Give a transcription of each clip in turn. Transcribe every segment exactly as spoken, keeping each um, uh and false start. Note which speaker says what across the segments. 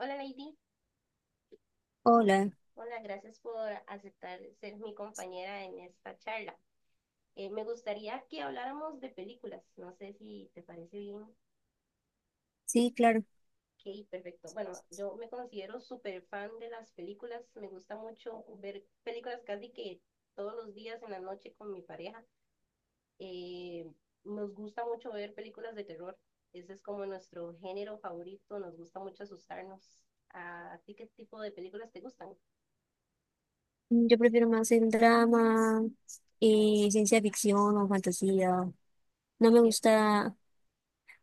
Speaker 1: Hola Lady,
Speaker 2: Hola,
Speaker 1: hola, gracias por aceptar ser mi compañera en esta charla. Eh, me gustaría que habláramos de películas, no sé si te parece bien.
Speaker 2: sí, claro.
Speaker 1: Ok, perfecto. Bueno, yo me considero súper fan de las películas, me gusta mucho ver películas casi que todos los días en la noche con mi pareja. Eh, Nos gusta mucho ver películas de terror, ese es como nuestro género favorito, nos gusta mucho asustarnos. ¿A ti qué tipo de películas te gustan?
Speaker 2: Mm, Yo prefiero más el drama,
Speaker 1: Bueno,
Speaker 2: eh, ciencia ficción o fantasía. No
Speaker 1: qué
Speaker 2: me
Speaker 1: chévere.
Speaker 2: gusta,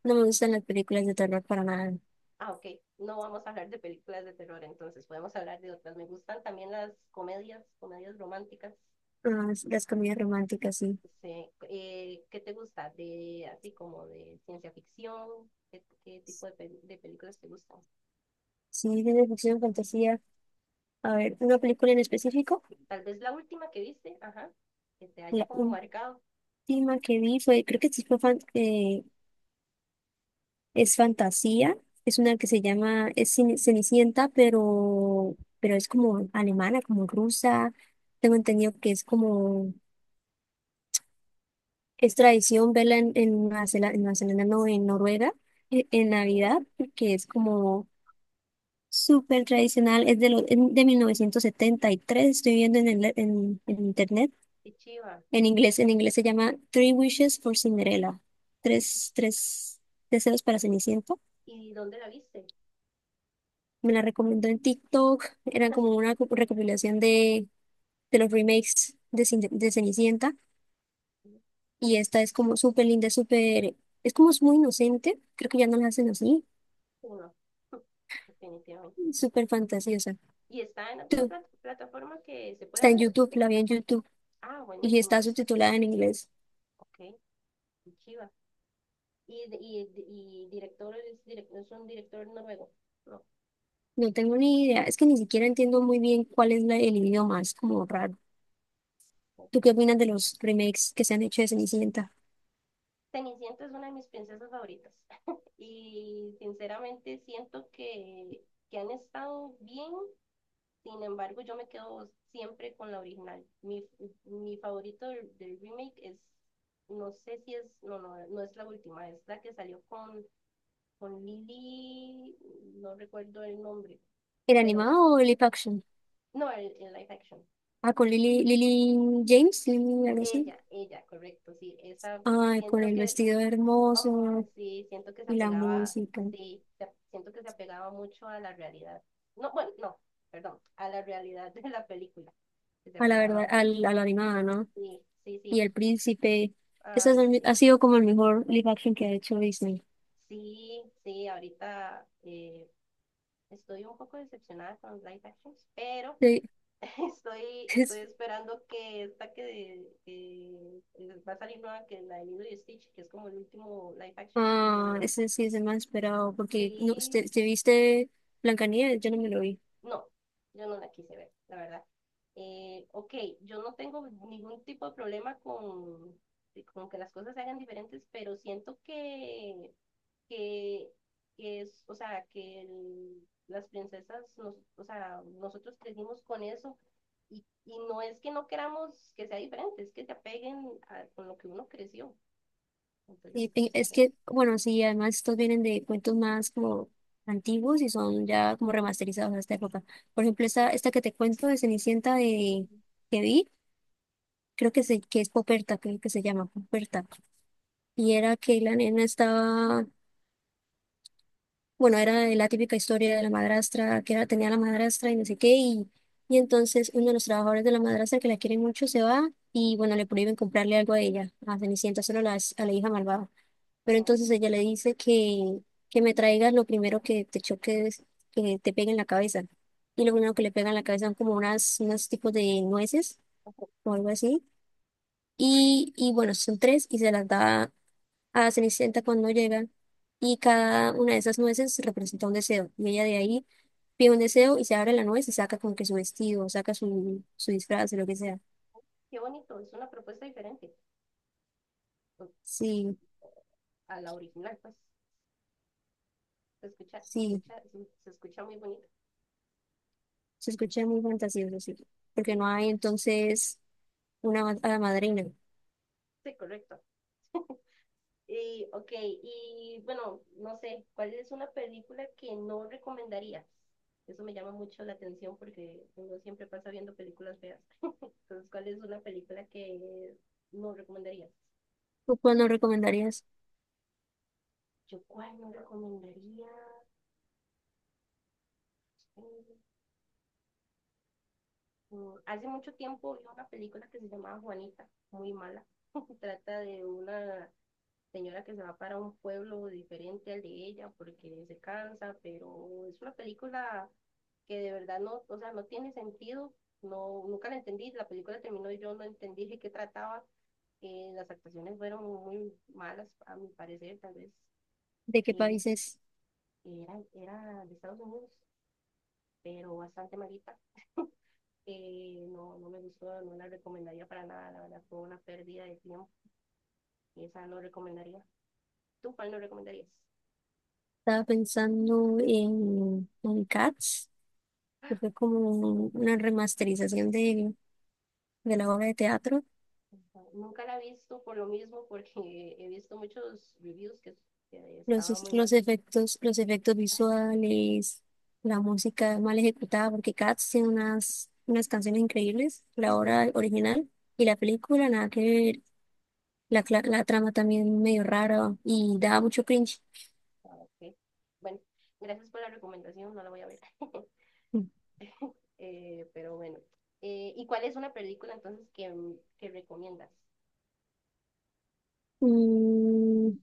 Speaker 2: no me gustan las películas de terror para nada.
Speaker 1: Ah, ok. No vamos a hablar de películas de terror, entonces podemos hablar de otras. Me gustan también las comedias, comedias románticas.
Speaker 2: Ah, s- las comedias románticas, sí.
Speaker 1: Sí. Eh, ¿qué te gusta? De, así como de ciencia ficción, ¿qué, qué tipo de, pel- de películas te gustan?
Speaker 2: Sí, ciencia ficción, fantasía. A ver, una película en específico.
Speaker 1: Tal vez la última que viste, ajá, que te haya
Speaker 2: La
Speaker 1: como marcado.
Speaker 2: última que vi fue, creo que sí fue fan- eh, es fantasía. Es una que se llama, es Cen- Cenicienta, pero, pero es como alemana, como rusa. Tengo entendido que es como es tradición verla en, en Nueva Zelanda, en Nueva Zelanda, no, en Noruega, e- en,
Speaker 1: Oh,
Speaker 2: Navidad, que es como súper tradicional. Es de, lo, en- de mil novecientos setenta y tres estoy viendo en, el, en, en internet.
Speaker 1: qué chiva.
Speaker 2: En inglés, en inglés se llama Three Wishes for Cinderella. Tres, tres deseos para Cenicienta.
Speaker 1: ¿Y dónde la viste?
Speaker 2: Me la recomendó en TikTok. Era como una co- recopilación de, de los remakes de, Cin- de Cenicienta. Y esta es como súper linda, súper... Es como es muy inocente. Creo que ya no la hacen así.
Speaker 1: Uno, definitivamente.
Speaker 2: Súper fantasiosa.
Speaker 1: ¿Y está en alguna
Speaker 2: Tú,
Speaker 1: plat- plataforma que se
Speaker 2: está
Speaker 1: pueda
Speaker 2: en
Speaker 1: ver?
Speaker 2: YouTube, la vi en YouTube
Speaker 1: Ah,
Speaker 2: y
Speaker 1: buenísimo.
Speaker 2: está subtitulada en inglés.
Speaker 1: Ok, qué chiva. y, y, y director, es, direc- es un director noruego. No.
Speaker 2: No tengo ni idea. Es que ni siquiera entiendo muy bien cuál es la- el idioma. Es como raro. ¿Tú qué opinas de los remakes que se han hecho de Cenicienta?
Speaker 1: Cenicienta es una de mis princesas favoritas y sinceramente siento que, que han estado bien, sin embargo yo me quedo siempre con la original. Mi, mi favorito del, del remake es, no sé si es, no, no, no es la última, es la que salió con, con Lily, no recuerdo el nombre,
Speaker 2: ¿El
Speaker 1: pero
Speaker 2: animado o el live action?
Speaker 1: no, el, el live action.
Speaker 2: Ah, con Lily, Lily James, Lily, algo así.
Speaker 1: Ella, ella, correcto, sí, esa
Speaker 2: Ay, con
Speaker 1: siento
Speaker 2: el
Speaker 1: que
Speaker 2: vestido
Speaker 1: Oh,
Speaker 2: hermoso
Speaker 1: sí, siento que se
Speaker 2: y la
Speaker 1: apegaba,
Speaker 2: música.
Speaker 1: sí, se- siento que se apegaba mucho a la realidad. No, bueno, no, perdón, a la realidad de la película, que se
Speaker 2: A la verdad,
Speaker 1: apegaba,
Speaker 2: al, a la animada, ¿no?
Speaker 1: sí, sí, sí,
Speaker 2: Y el príncipe. Eso
Speaker 1: ay, sí,
Speaker 2: ha sido como el mejor live action que ha hecho Disney.
Speaker 1: sí, sí, ahorita eh, estoy un poco decepcionada con los live actions, pero
Speaker 2: Sí.
Speaker 1: estoy, estoy esperando que esta que, que va a salir nueva, que es la de Lilo y Stitch, que es como el último live action
Speaker 2: Ah,
Speaker 1: que...
Speaker 2: ese sí es el más esperado, porque no,
Speaker 1: Sí,
Speaker 2: ¿te, te viste Blancanieves? Yo no me lo vi.
Speaker 1: no, yo no la quise ver, la verdad. Eh, ok, yo no tengo ningún tipo de problema con, con que las cosas se hagan diferentes, pero siento que, que, que es, o sea, que el- las princesas, nos, o sea, nosotros crecimos con eso y, y no es que no queramos que sea diferente, es que se apeguen a, con lo que uno creció. Entonces
Speaker 2: Y pe-
Speaker 1: yo, no
Speaker 2: es
Speaker 1: sé.
Speaker 2: que, bueno, sí, además estos vienen de cuentos más como antiguos y son ya como remasterizados a esta época. Por ejemplo, esta, esta que te cuento de Cenicienta de, que vi, creo que, se, que es Poperta, creo que se llama Poperta. Y era que la nena estaba, bueno, era la típica historia de la madrastra, que era, tenía la madrastra y no sé qué, y, y entonces uno de los trabajadores de la madrastra que la quiere mucho se va y bueno, le prohíben comprarle algo a ella, a Cenicienta, solo a la, a la hija malvada. Pero entonces ella le dice que, que me traigas lo primero que te choques, que te pegue en la cabeza. Y lo primero que le pega en la cabeza son como unas, unos tipos de nueces o algo así. Y, y bueno, son tres y se las da a Cenicienta cuando llega y cada una de esas nueces representa un deseo. Y ella de ahí pide un deseo y se abre la nuez y saca como que su vestido, saca su, su disfraz, o lo que sea.
Speaker 1: Qué bonito, es una propuesta diferente pues,
Speaker 2: Sí,
Speaker 1: a la original, pues. Se escucha, se
Speaker 2: sí,
Speaker 1: escucha, se, se escucha muy bonito.
Speaker 2: se escucha muy fantasioso, sí.
Speaker 1: Sí,
Speaker 2: Porque no hay entonces una ma- hada madrina.
Speaker 1: sí, correcto. Y, ok, y bueno, no sé, ¿cuál es una película que no recomendarías? Eso me llama mucho la atención porque uno siempre pasa viendo películas feas. Entonces, ¿cuál es una película que no recomendarías?
Speaker 2: ¿Tú cuál nos recomendarías?
Speaker 1: Yo, ¿cuál no recomendaría? Mm, mm, Hace mucho tiempo vi una película que se llamaba Juanita, muy mala. Trata de una señora que se va para un pueblo diferente al de ella porque se cansa, pero es una película que de verdad no, o sea, no tiene sentido, no, nunca la entendí, la película terminó y yo no entendí de qué trataba, eh, las actuaciones fueron muy malas a mi parecer, tal vez
Speaker 2: ¿De qué
Speaker 1: eh,
Speaker 2: países?
Speaker 1: era, era de Estados Unidos, pero bastante malita. Eh, no, no me gustó, no la recomendaría para nada, la verdad fue una pérdida de tiempo, esa no recomendaría. ¿Tú cuál no recomendarías?
Speaker 2: Estaba pensando en, en Cats, que fue como
Speaker 1: No,
Speaker 2: un- una remasterización de, de la obra de teatro.
Speaker 1: nunca la he visto por lo mismo, porque he visto muchos reviews que, que
Speaker 2: Los,
Speaker 1: estaba
Speaker 2: es-
Speaker 1: muy mal.
Speaker 2: los efectos, los efectos visuales, la música mal ejecutada, porque Cats tiene unas, unas canciones increíbles, la
Speaker 1: Ujú.
Speaker 2: obra original y la película, nada que ver, la, cla- la trama también medio rara y daba mucho cringe.
Speaker 1: Ah, ok. Bueno, gracias por la recomendación, no la voy a ver. Eh, pero bueno, Eh, ¿y cuál es una película entonces que, m- que recomiendas?
Speaker 2: Mm,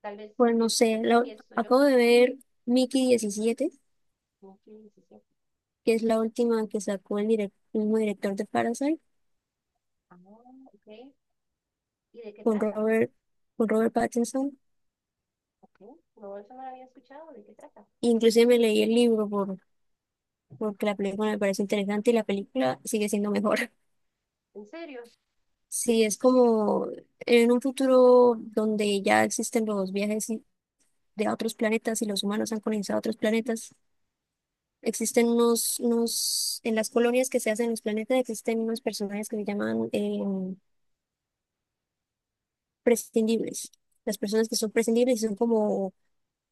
Speaker 1: Tal vez
Speaker 2: bueno, no
Speaker 1: empiezo,
Speaker 2: sé, lo-
Speaker 1: empiezo yo.
Speaker 2: acabo de ver Mickey diecisiete,
Speaker 1: Ok, sí, sí.
Speaker 2: que es la última que sacó el, direc- el mismo director de Parasite,
Speaker 1: Ah, ok. ¿Y de qué
Speaker 2: con
Speaker 1: trata?
Speaker 2: Robert, con Robert Pattinson.
Speaker 1: Ok, no, eso no la había escuchado. ¿De qué trata?
Speaker 2: Inclusive me leí el libro por porque la película me parece interesante y la película sigue siendo mejor.
Speaker 1: ¿En serio?
Speaker 2: Sí, es como en un futuro donde ya existen los viajes y- de a otros planetas y los humanos han colonizado otros planetas, existen unos, unos, en las colonias que se hacen en los planetas existen unos personajes que se llaman eh, prescindibles. Las personas que son prescindibles son como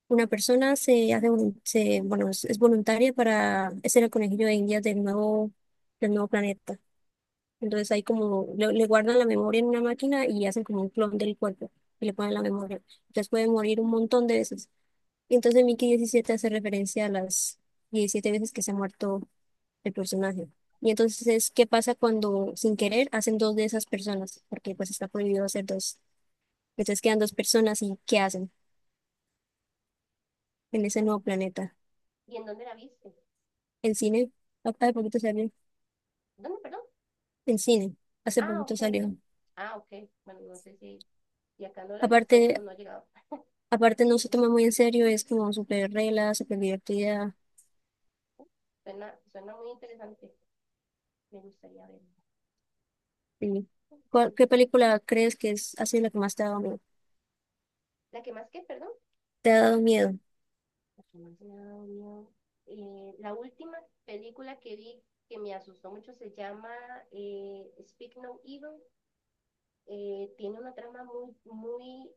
Speaker 2: una persona se hace, volun- se, bueno, es, es voluntaria para ser el conejillo de Indias del nuevo, del nuevo planeta. Entonces ahí como le, le guardan la memoria en una máquina y hacen como un clon del cuerpo y le ponen la memoria. Entonces puede morir un montón de veces. Y entonces Mickey diecisiete hace referencia a las diecisiete veces que se ha muerto el personaje. Y entonces es qué pasa cuando sin querer hacen dos de esas personas, porque pues está prohibido hacer dos. Entonces quedan dos personas y ¿qué hacen en ese
Speaker 1: Interesante.
Speaker 2: nuevo planeta?
Speaker 1: ¿Y en dónde la viste?
Speaker 2: En cine. Ah, hace poquito salió.
Speaker 1: ¿Dónde, perdón?
Speaker 2: En cine, hace
Speaker 1: Ah,
Speaker 2: poquito
Speaker 1: ok.
Speaker 2: salió.
Speaker 1: Ah, ok. Bueno, no sé si y acá no la he
Speaker 2: Aparte,
Speaker 1: visto o no ha llegado.
Speaker 2: aparte no se toma muy en serio, es como súper regla, súper divertida.
Speaker 1: Suena, suena muy interesante, me gustaría verla.
Speaker 2: Sí. ¿Cuál- qué película crees que es así la que más te ha dado miedo?
Speaker 1: La que más qué perdón,
Speaker 2: Te ha dado miedo.
Speaker 1: la que más me ha dado miedo. Eh, la última película que vi que me asustó mucho se llama eh, Speak No Evil. Eh, tiene una trama muy, muy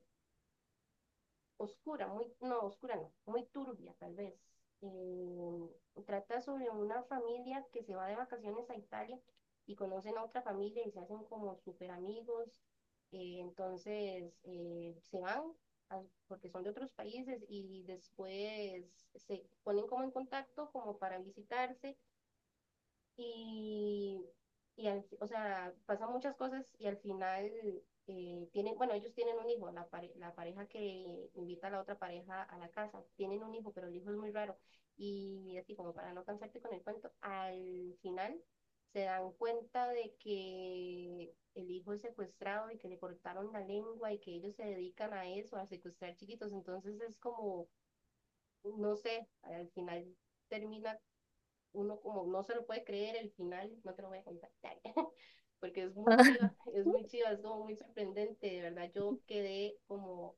Speaker 1: oscura, muy, no, oscura no, muy turbia tal vez. Eh, Trata sobre una familia que se va de vacaciones a Italia y conocen a otra familia y se hacen como super amigos. eh, entonces eh, se van a- porque son de otros países y después se ponen como en contacto como para visitarse y, y al- o sea, pasan muchas cosas y al final eh, tienen, bueno, ellos tienen un hijo, la, pare- la pareja que invita a la otra pareja a la casa, tienen un hijo, pero el hijo es muy raro. Y así como para no cansarte con el cuento, al final se dan cuenta de que el hijo es secuestrado y que le cortaron la lengua y que ellos se dedican a eso, a secuestrar chiquitos. Entonces es como, no sé, al final termina uno como no se lo puede creer el final, no te lo voy a contar, porque es muy
Speaker 2: Ah,
Speaker 1: chiva, es muy chiva, es como muy sorprendente, de verdad yo quedé como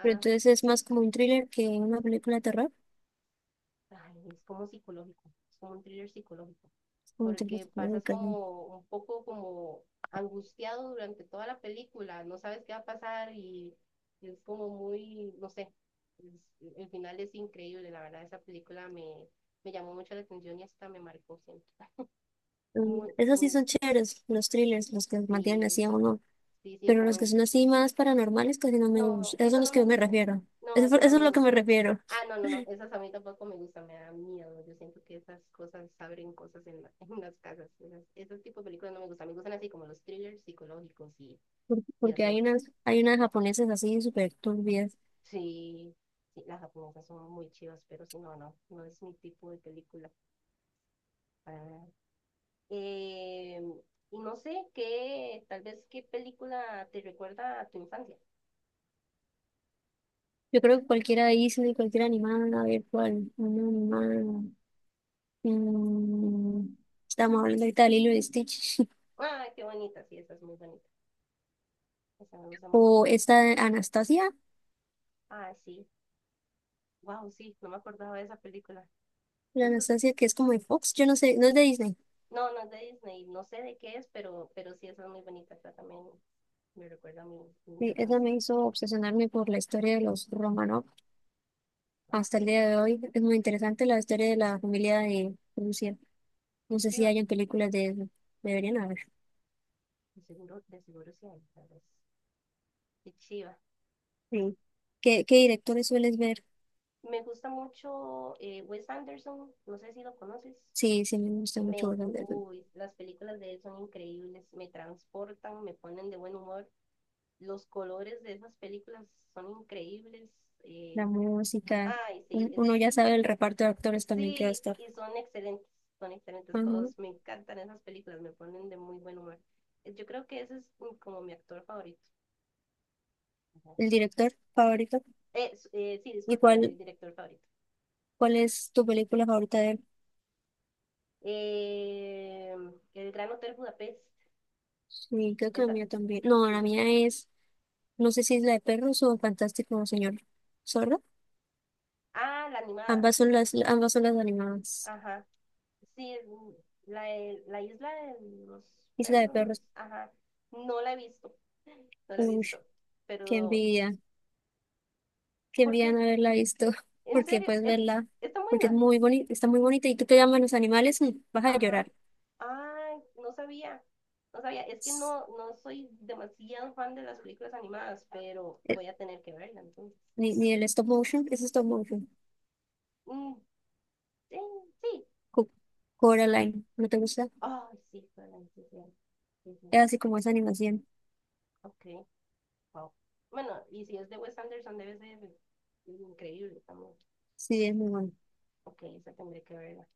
Speaker 2: pero entonces es más como un thriller que una película de terror.
Speaker 1: ay, es como psicológico, es como un thriller psicológico,
Speaker 2: Es como un thriller
Speaker 1: porque pasas
Speaker 2: psicológico, ¿no?
Speaker 1: como un poco como angustiado durante toda la película, no sabes qué va a pasar y es como muy, no sé, es- el final es increíble, la verdad esa película me, me llamó mucho la atención y hasta me marcó, siento.
Speaker 2: Mm,
Speaker 1: Muy,
Speaker 2: esas sí
Speaker 1: muy,
Speaker 2: son chéveres, los thrillers, los que mantienen
Speaker 1: sí,
Speaker 2: así a uno.
Speaker 1: sí, sí,
Speaker 2: Pero
Speaker 1: como
Speaker 2: los que
Speaker 1: en-
Speaker 2: son así más paranormales casi no me
Speaker 1: No,
Speaker 2: gustan. Esos
Speaker 1: eso
Speaker 2: son los
Speaker 1: no
Speaker 2: que
Speaker 1: me
Speaker 2: yo me
Speaker 1: gusta.
Speaker 2: refiero.
Speaker 1: No,
Speaker 2: Eso, fue-
Speaker 1: eso no
Speaker 2: eso es
Speaker 1: me
Speaker 2: lo que me
Speaker 1: gusta.
Speaker 2: refiero.
Speaker 1: Ah, no, no, no, esas a mí tampoco me gustan, me da miedo. Yo siento que esas cosas abren cosas en, la- en las casas. Esas, esos tipos de películas no me gustan. Me gustan así como los thrillers psicológicos y,
Speaker 2: Por-
Speaker 1: y
Speaker 2: Porque hay
Speaker 1: así.
Speaker 2: unas, hay unas japonesas así súper turbias.
Speaker 1: Sí, sí, las japonesas son muy chivas, pero sí, no, no, no es mi tipo de película para nada. Eh, y no sé qué, tal vez qué película te recuerda a tu infancia.
Speaker 2: Yo creo que cualquiera Disney, cualquier animal, a ver cuál, una animada. Mm, estamos hablando ahorita de Lilo y Stitch.
Speaker 1: Ah, qué bonita, sí, esa es muy bonita. Esa me gusta mucho.
Speaker 2: O esta de Anastasia,
Speaker 1: Ah, sí. Wow, sí, no me acordaba de esa película.
Speaker 2: la
Speaker 1: Esa es,
Speaker 2: Anastasia que es como de Fox, yo no sé, no es de Disney.
Speaker 1: no, no es de Disney, no sé de qué es, pero, pero sí, esa es muy bonita. Esa también me recuerda a mi, mi
Speaker 2: Sí, esa
Speaker 1: infancia.
Speaker 2: me hizo obsesionarme por la historia de los Romanov
Speaker 1: Ok,
Speaker 2: hasta el
Speaker 1: qué
Speaker 2: día de hoy. Es muy interesante la historia de la familia de Rusia. No sé si
Speaker 1: chiva.
Speaker 2: hayan películas de eso. Deberían haber.
Speaker 1: De seguro, de seguro sí hay, tal vez. Qué chiva.
Speaker 2: Sí. ¿Qué, qué directores sueles ver?
Speaker 1: Me gusta mucho eh, Wes Anderson, no sé si lo conoces.
Speaker 2: Sí, sí, me gusta mucho
Speaker 1: Me,
Speaker 2: ver la
Speaker 1: uy, las películas de él son increíbles, me transportan, me ponen de buen humor. Los colores de esas películas son increíbles.
Speaker 2: la
Speaker 1: eh,
Speaker 2: música.
Speaker 1: Ay, sí,
Speaker 2: Un-
Speaker 1: es
Speaker 2: Uno ya sabe el reparto de actores también que va a
Speaker 1: sí,
Speaker 2: estar.
Speaker 1: y son excelentes, son excelentes
Speaker 2: Ajá.
Speaker 1: todos. Me encantan esas películas, me ponen de muy buen humor. Eh, Yo creo que ese es mm, como mi actor favorito. Ujú.
Speaker 2: El director favorito.
Speaker 1: Eh, s- eh, sí,
Speaker 2: y
Speaker 1: disculpa, no, el
Speaker 2: cuál
Speaker 1: director favorito.
Speaker 2: ¿Cuál es tu película favorita de él?
Speaker 1: Eh, el Gran Hotel Budapest,
Speaker 2: Sí, creo que la
Speaker 1: esa,
Speaker 2: mía también. No, la
Speaker 1: sí.
Speaker 2: mía es, no sé si es la de perros o Fantástico Señor Zorro.
Speaker 1: Ah, la animada,
Speaker 2: Ambas son las, ambas son las animadas.
Speaker 1: ajá. Sí, es muy- la, de- la isla de los
Speaker 2: Isla de
Speaker 1: perros,
Speaker 2: perros.
Speaker 1: ajá. No la he visto, no la he
Speaker 2: Uy,
Speaker 1: visto.
Speaker 2: qué
Speaker 1: Pero,
Speaker 2: envidia. Qué
Speaker 1: ¿por
Speaker 2: envidia
Speaker 1: qué?
Speaker 2: no haberla visto.
Speaker 1: ¿En
Speaker 2: Porque
Speaker 1: serio?
Speaker 2: puedes
Speaker 1: ¿Es,
Speaker 2: verla,
Speaker 1: está
Speaker 2: porque es
Speaker 1: buena?
Speaker 2: muy bonita, está muy bonita. Y tú te amas los animales y vas a
Speaker 1: Ajá.
Speaker 2: llorar.
Speaker 1: Ah, no sabía. No sabía. Es que
Speaker 2: S-
Speaker 1: no, no soy demasiado fan de las películas animadas, pero
Speaker 2: Eh,
Speaker 1: voy a tener que verla entonces.
Speaker 2: Ni, ni el stop motion, es stop motion.
Speaker 1: Mm, sí, sí.
Speaker 2: Co- Coraline, ¿no te gusta?
Speaker 1: Ay, sí, fue la decisión. Sí, sí.
Speaker 2: Es así como esa animación.
Speaker 1: Ok, wow. Bueno, y si es de Wes Anderson, debe ser increíble también.
Speaker 2: Sí, es muy bueno.
Speaker 1: Ok, esa tendré que verla.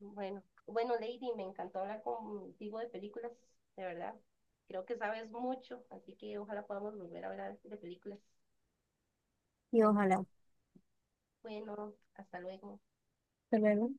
Speaker 1: Bueno, bueno, Lady, me encantó hablar contigo de películas, de verdad. Creo que sabes mucho, así que ojalá podamos volver a hablar de películas
Speaker 2: Y
Speaker 1: pronto.
Speaker 2: ojalá.
Speaker 1: Bueno, hasta luego.
Speaker 2: Hasta luego.